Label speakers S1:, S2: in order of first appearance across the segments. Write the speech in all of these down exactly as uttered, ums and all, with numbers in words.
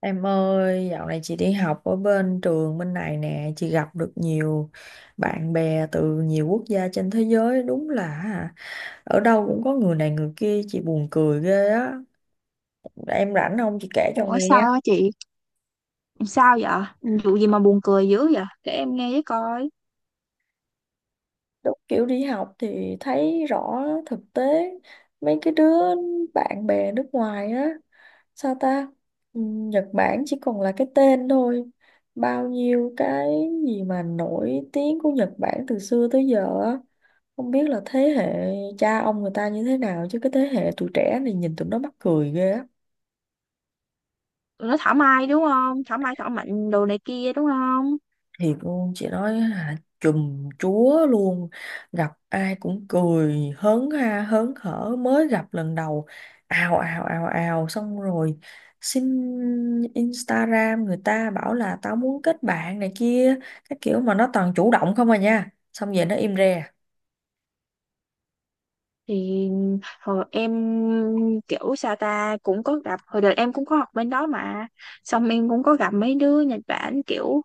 S1: Em ơi, dạo này chị đi học ở bên trường bên này nè, chị gặp được nhiều bạn bè từ nhiều quốc gia trên thế giới, đúng là hả, ở đâu cũng có người này người kia, chị buồn cười ghê á. Em rảnh không? Chị kể cho
S2: Ủa
S1: nghe.
S2: sao á chị? Sao vậy? Vụ gì mà buồn cười dữ vậy? Để em nghe với coi.
S1: Đúng kiểu đi học thì thấy rõ thực tế mấy cái đứa bạn bè nước ngoài á, sao ta. Ừm, Nhật Bản chỉ còn là cái tên thôi, bao nhiêu cái gì mà nổi tiếng của Nhật Bản từ xưa tới giờ á, không biết là thế hệ cha ông người ta như thế nào, chứ cái thế hệ tụi trẻ này nhìn tụi nó mắc cười ghê á.
S2: Tụi nó thảo mai đúng không? Thảo mai thảo mạnh đồ này kia đúng không?
S1: Thiệt luôn, chị nói là chùm chúa luôn, gặp ai cũng cười hớn ha hớn hở mới gặp lần đầu, ào ào ào ào, xong rồi xin Instagram người ta, bảo là tao muốn kết bạn này kia. Cái kiểu mà nó toàn chủ động không à nha, xong về nó im re.
S2: Thì hồi em kiểu sao ta cũng có gặp, hồi đời em cũng có học bên đó mà, xong em cũng có gặp mấy đứa Nhật Bản kiểu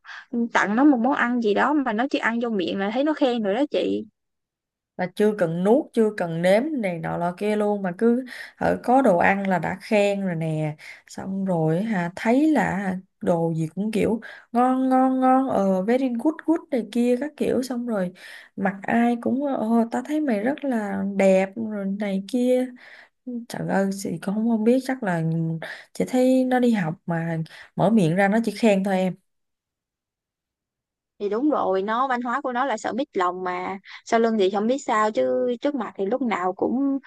S2: tặng nó một món ăn gì đó mà nó chỉ ăn vô miệng là thấy nó khen rồi đó chị.
S1: Là chưa cần nuốt chưa cần nếm này nọ lọ kia luôn, mà cứ ở có đồ ăn là đã khen rồi nè. Xong rồi hả, thấy là hả, đồ gì cũng kiểu ngon ngon ngon, ờ very good good này kia các kiểu, xong rồi mặt ai cũng ờ ta thấy mày rất là đẹp rồi này kia. Trời ơi, chị cũng không, không biết, chắc là chị thấy nó đi học mà mở miệng ra nó chỉ khen thôi em.
S2: Thì đúng rồi, nó văn hóa của nó là sợ mít lòng mà, sau lưng thì không biết sao chứ trước mặt thì lúc nào cũng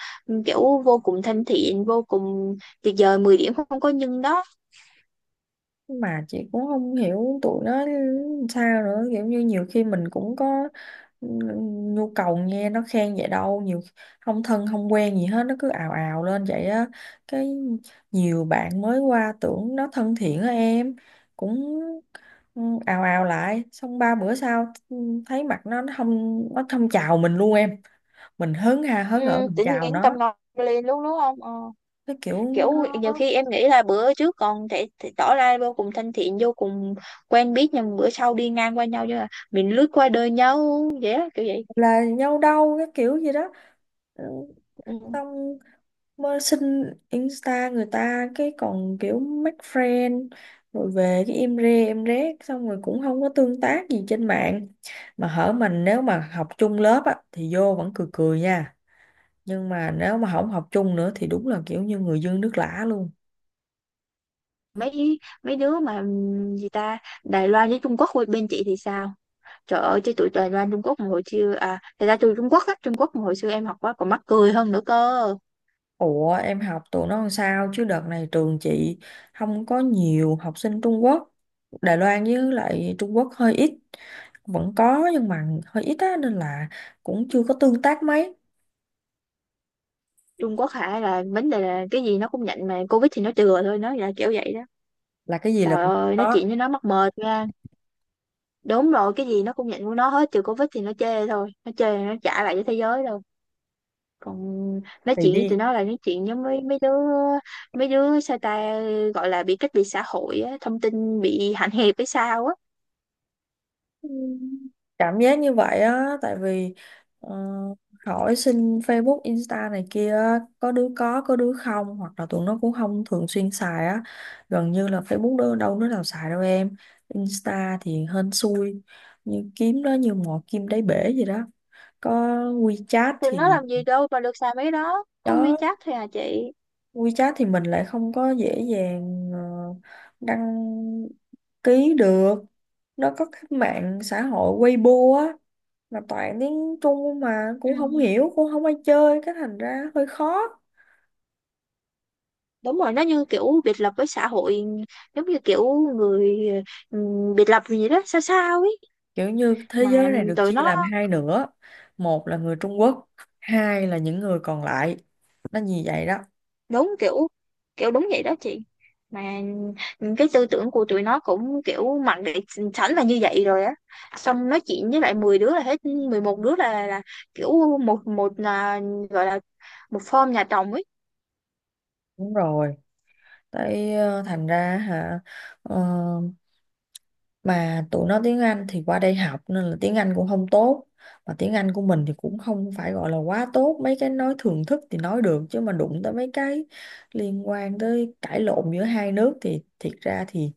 S2: kiểu vô cùng thân thiện, vô cùng tuyệt vời mười điểm không có nhưng đó.
S1: Mà chị cũng không hiểu tụi nó sao nữa, kiểu như nhiều khi mình cũng có nhu cầu nghe nó khen vậy đâu, nhiều không thân không quen gì hết nó cứ ào ào lên vậy á. Cái nhiều bạn mới qua tưởng nó thân thiện á em, cũng ừ, ào ào lại, xong ba bữa sau ừ, thấy mặt nó, nó không nó không chào mình luôn em, mình hớn ha
S2: Ừ,
S1: hớn ở mình
S2: tự
S1: chào
S2: nhiên tâm
S1: nó.
S2: ngọt lên luôn đúng không ờ.
S1: Cái kiểu
S2: Kiểu
S1: nó
S2: nhiều khi em nghĩ là bữa trước còn thể, thể tỏ ra vô cùng thân thiện, vô cùng quen biết, nhưng bữa sau đi ngang qua nhau như là mình lướt qua đời nhau vậy á, kiểu vậy.
S1: là nhau đâu, cái kiểu gì đó. Ừ,
S2: Ừ.
S1: xong mới xin Insta người ta, cái còn kiểu make friend rồi về cái im re em rét, xong rồi cũng không có tương tác gì trên mạng. Mà hở, mình nếu mà học chung lớp á thì vô vẫn cười cười nha, nhưng mà nếu mà không học chung nữa thì đúng là kiểu như người dưng nước lã luôn.
S2: mấy mấy đứa mà ừm, gì ta, Đài Loan với Trung Quốc bên chị thì sao? Trời ơi, chứ tụi Đài Loan Trung Quốc mà hồi xưa à, thật ra tôi Trung Quốc á, Trung Quốc mà hồi xưa em học quá còn mắc cười hơn nữa cơ.
S1: Ủa em học tụi nó làm sao, chứ đợt này trường chị không có nhiều học sinh Trung Quốc. Đài Loan với lại Trung Quốc hơi ít, vẫn có nhưng mà hơi ít á, nên là cũng chưa có tương tác mấy.
S2: Trung Quốc hả, là vấn đề là cái gì nó cũng nhận mà Covid thì nó chừa thôi, nó là kiểu vậy đó.
S1: Là cái gì là
S2: Trời
S1: cũng
S2: ơi, nói
S1: có,
S2: chuyện với nó mắc mệt nha. Đúng rồi, cái gì nó cũng nhận của nó hết, trừ Covid thì nó chê thôi, nó chê nó trả lại cho thế giới đâu. Còn nói
S1: thì
S2: chuyện với tụi
S1: đi.
S2: nó là nói chuyện với mấy mấy đứa mấy đứa sao ta gọi là bị cách biệt xã hội á, thông tin bị hạn hẹp hay sao á.
S1: Ừ. Cảm giác như vậy á, tại vì ờ, hỏi xin Facebook Insta này kia á, có đứa có có đứa không, hoặc là tụi nó cũng không thường xuyên xài á, gần như là Facebook đâu, đâu đứa nào xài đâu em. Insta thì hên xui, như kiếm đó như mò kim đáy bể gì đó. Có WeChat
S2: Tụi nó
S1: thì
S2: làm gì đâu mà được xài mấy đó, có
S1: đó,
S2: WeChat thôi à chị.
S1: WeChat thì mình lại không có dễ dàng ờ, đăng ký được. Nó có cái mạng xã hội Weibo á, mà toàn tiếng Trung mà
S2: Ừ.
S1: cũng không hiểu, cũng không ai chơi, cái thành ra hơi khó.
S2: Đúng rồi, nó như kiểu biệt lập với xã hội, giống như kiểu người, ừ, biệt lập gì đó sao sao ấy.
S1: Kiểu như thế giới
S2: Mà
S1: này được
S2: tụi
S1: chia làm
S2: nó
S1: hai nửa, một là người Trung Quốc, hai là những người còn lại. Nó như vậy đó.
S2: đúng kiểu kiểu đúng vậy đó chị. Mà cái tư tưởng của tụi nó cũng kiểu mặc định sẵn là như vậy rồi á, xong nói chuyện với lại mười đứa là hết mười một đứa là là kiểu một một là gọi là một form nhà chồng ấy.
S1: Đúng rồi. Tại ờ, thành ra hả, ờ, mà tụi nó tiếng Anh thì qua đây học nên là tiếng Anh cũng không tốt, mà tiếng Anh của mình thì cũng không phải gọi là quá tốt, mấy cái nói thường thức thì nói được, chứ mà đụng tới mấy cái liên quan tới cãi lộn giữa hai nước thì thiệt ra thì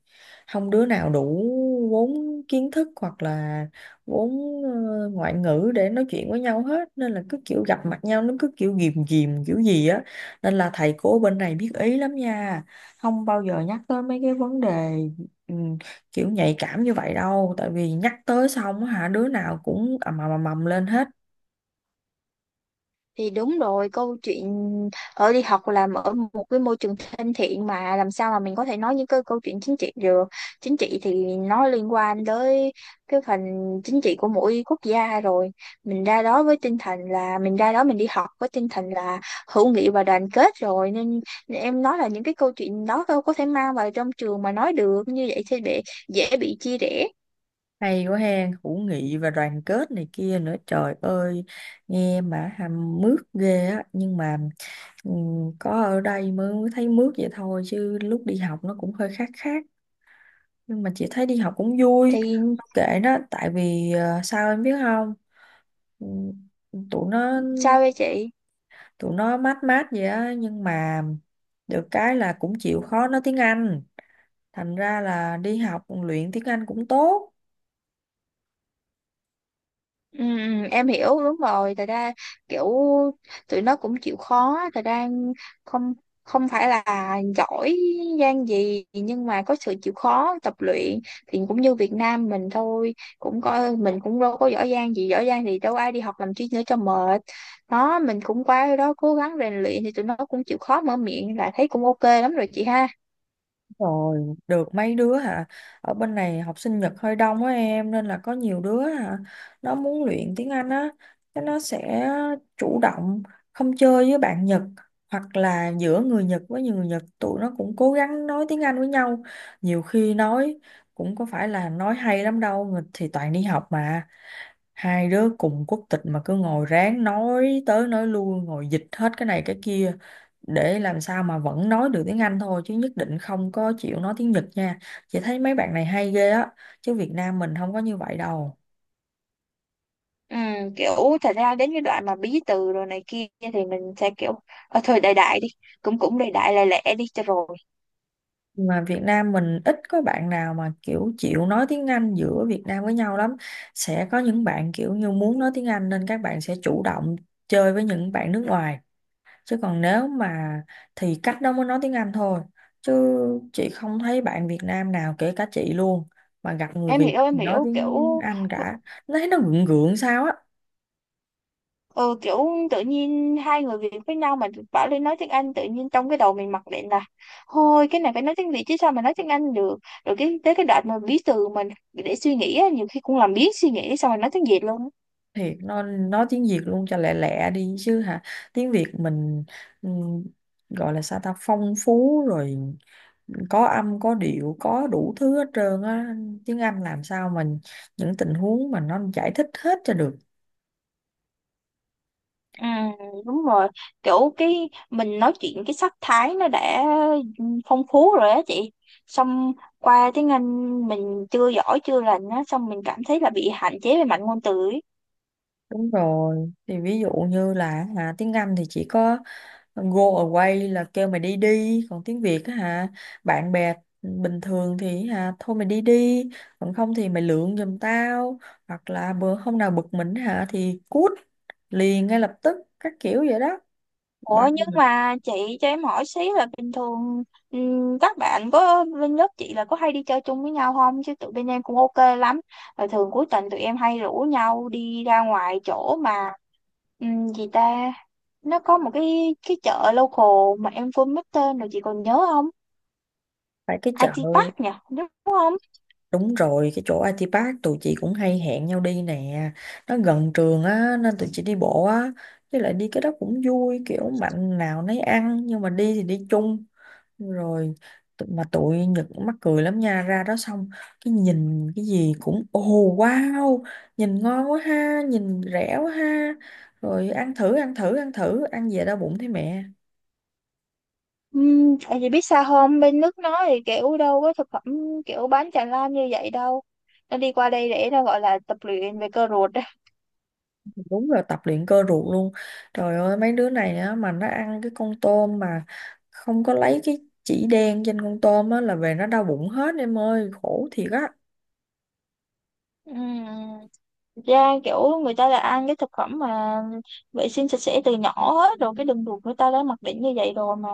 S1: không đứa nào đủ vốn kiến thức, hoặc là vốn ờ, ngoại ngữ để nói chuyện với nhau hết, nên là cứ kiểu gặp mặt nhau nó cứ kiểu ghìm ghìm kiểu gì á. Nên là thầy cô bên này biết ý lắm nha, không bao giờ nhắc tới mấy cái vấn đề ừ, kiểu nhạy cảm như vậy đâu, tại vì nhắc tới xong á hả đứa nào cũng ầm ầm ầm ầm lên hết.
S2: Thì đúng rồi, câu chuyện ở đi học làm ở một cái môi trường thân thiện mà làm sao mà mình có thể nói những cái câu chuyện chính trị được. Chính trị thì nó liên quan tới cái phần chính trị của mỗi quốc gia rồi, mình ra đó với tinh thần là mình ra đó mình đi học với tinh thần là hữu nghị và đoàn kết rồi, nên em nói là những cái câu chuyện đó đâu có thể mang vào trong trường mà nói được, như vậy thì bị dễ bị chia rẽ.
S1: Hay quá hen, hữu nghị và đoàn kết này kia nữa, trời ơi, nghe mà hàm mướt ghê á. Nhưng mà ừm, có ở đây mới thấy mướt vậy thôi, chứ lúc đi học nó cũng hơi khác khác. Nhưng mà chị thấy đi học cũng vui.
S2: Thì
S1: Không, kệ nó, tại vì ờ, sao em biết không, Ừm, tụi nó,
S2: sao vậy chị?
S1: tụi nó mát mát vậy á nhưng mà được cái là cũng chịu khó nói tiếng Anh, thành ra là đi học luyện tiếng Anh cũng tốt.
S2: Ừ, ừ, em hiểu, đúng rồi thật ra kiểu tụi nó cũng chịu khó, thật ra không không phải là giỏi giang gì nhưng mà có sự chịu khó tập luyện, thì cũng như Việt Nam mình thôi cũng coi, mình cũng đâu có giỏi giang gì, giỏi giang thì đâu ai đi học làm chi nữa cho mệt. Đó mình cũng qua đó cố gắng rèn luyện thì tụi nó cũng chịu khó, mở miệng là thấy cũng ok lắm rồi chị ha.
S1: Rồi được mấy đứa hả, ở bên này học sinh Nhật hơi đông á em, nên là có nhiều đứa hả, nó muốn luyện tiếng Anh á, cái nó sẽ chủ động không chơi với bạn Nhật, hoặc là giữa người Nhật với người Nhật tụi nó cũng cố gắng nói tiếng Anh với nhau. Nhiều khi nói cũng có phải là nói hay lắm đâu, người thì toàn đi học mà, hai đứa cùng quốc tịch mà cứ ngồi ráng nói tới nói lui, ngồi dịch hết cái này cái kia để làm sao mà vẫn nói được tiếng Anh thôi, chứ nhất định không có chịu nói tiếng Nhật nha. Chị thấy mấy bạn này hay ghê á, chứ Việt Nam mình không có như vậy đâu.
S2: Ừ, kiểu thật ra đến cái đoạn mà bí từ rồi này kia thì mình sẽ kiểu ờ, thôi đại đại đi, cũng cũng đại đại lẹ lẹ đi cho rồi.
S1: Mà Việt Nam mình ít có bạn nào mà kiểu chịu nói tiếng Anh giữa Việt Nam với nhau lắm. Sẽ có những bạn kiểu như muốn nói tiếng Anh nên các bạn sẽ chủ động chơi với những bạn nước ngoài, chứ còn nếu mà thì cách đó mới nói tiếng Anh thôi, chứ chị không thấy bạn Việt Nam nào, kể cả chị luôn, mà gặp người
S2: Em
S1: Việt
S2: hiểu em
S1: thì nói
S2: hiểu
S1: tiếng
S2: kiểu,
S1: Anh cả. Nó thấy nó gượng gượng sao á.
S2: ừ, kiểu tự nhiên hai người Việt với nhau mà bảo lên nói tiếng Anh, tự nhiên trong cái đầu mình mặc định là thôi cái này phải nói tiếng Việt chứ sao mà nói tiếng Anh được, rồi cái tới cái đoạn mà bí từ mình để suy nghĩ á, nhiều khi cũng làm biến suy nghĩ xong rồi nói tiếng Việt luôn á.
S1: Thiệt, nó nói tiếng Việt luôn cho lẹ lẹ đi chứ hả. Tiếng Việt mình ừm, gọi là sao ta, phong phú rồi, có âm có điệu có đủ thứ hết trơn á, tiếng Anh làm sao mình những tình huống mà nó giải thích hết cho được.
S2: Ừ, đúng rồi, kiểu cái mình nói chuyện cái sắc thái nó đã phong phú rồi á chị, xong qua tiếng Anh mình chưa giỏi chưa lành á, xong mình cảm thấy là bị hạn chế về mặt ngôn từ ấy.
S1: Đúng rồi, thì ví dụ như là hả, tiếng Anh thì chỉ có Go away là kêu mày đi đi, còn tiếng Việt á hả, bạn bè bình thường thì hả thôi mày đi đi, còn không thì mày lượn giùm tao, hoặc là bữa hôm nào bực mình hả thì cút liền ngay lập tức, các kiểu vậy đó. Bao
S2: Ủa nhưng
S1: nhiêu người-
S2: mà chị cho em hỏi xí là bình thường ừm, các bạn có bên lớp chị là có hay đi chơi chung với nhau không? Chứ tụi bên em cũng ok lắm. Là thường cuối tuần tụi em hay rủ nhau đi ra ngoài chỗ mà ừm, gì ta? Nó có một cái cái chợ local mà em quên mất tên rồi chị còn nhớ không?
S1: tại cái chợ
S2: i tê Park nhỉ, đúng không?
S1: đúng rồi, cái chỗ i tê Park tụi chị cũng hay hẹn nhau đi nè, nó gần trường á nên tụi chị đi bộ á. Với lại đi cái đó cũng vui, kiểu mạnh nào nấy ăn nhưng mà đi thì đi chung. Rồi tụ- mà tụi Nhật cũng mắc cười lắm nha, ra đó xong cái nhìn cái gì cũng ồ, wow, nhìn ngon quá ha, nhìn rẻ quá ha, rồi ăn thử ăn thử ăn thử ăn về đau bụng thấy mẹ.
S2: Uhm, tại vì biết sao không, bên nước nó thì kiểu đâu có thực phẩm kiểu bán tràn lan như vậy đâu. Nó đi qua đây để nó gọi là tập luyện về cơ ruột đó.
S1: Đúng là tập luyện cơ ruột luôn, trời ơi mấy đứa này á mà nó ăn cái con tôm mà không có lấy cái chỉ đen trên con tôm á là về nó đau bụng hết em ơi, khổ thiệt á.
S2: Ừm, ra kiểu người ta là ăn cái thực phẩm mà vệ sinh sạch sẽ từ nhỏ hết rồi, cái đường ruột người ta đã mặc định như vậy rồi mà.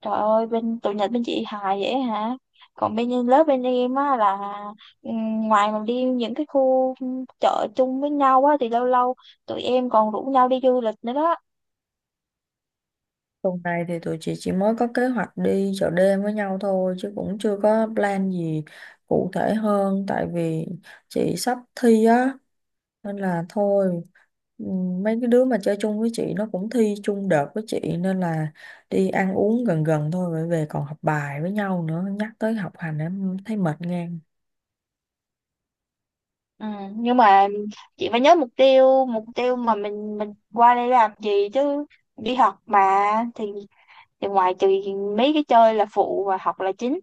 S2: Trời ơi bên tụi Nhật bên chị hài vậy hả? Còn bên lớp bên em á là ừm, ngoài mà đi những cái khu chợ chung với nhau á thì lâu lâu tụi em còn rủ nhau đi du lịch nữa đó.
S1: Tuần này thì tụi chị chỉ mới có kế hoạch đi chợ đêm với nhau thôi, chứ cũng chưa có plan gì cụ thể hơn, tại vì chị sắp thi á, nên là thôi, ừm, mấy cái đứa mà chơi chung với chị nó cũng thi chung đợt với chị, nên là đi ăn uống gần gần thôi rồi về còn học bài với nhau nữa. Nhắc tới học hành em thấy mệt ngang.
S2: Ừ, nhưng mà chị phải nhớ mục tiêu mục tiêu mà mình mình qua đây làm gì chứ? Đi học mà thì thì ngoài trừ mấy cái chơi là phụ và học là chính,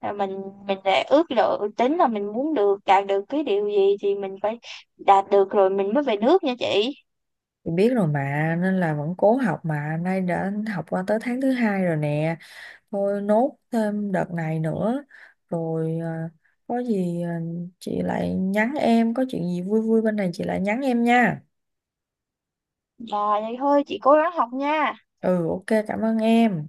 S2: là mình mình đã ước lượng tính là mình muốn được đạt được cái điều gì thì mình phải đạt được rồi mình mới về nước nha chị.
S1: Chị biết rồi mà, nên là vẫn cố học, mà nay đã học qua tới tháng thứ hai rồi nè, thôi nốt thêm đợt này nữa rồi à, có gì à, chị lại nhắn em, có chuyện gì vui vui bên này chị lại nhắn em nha.
S2: Rồi vậy thôi chị cố gắng học nha.
S1: Ừ, ok, cảm ơn em.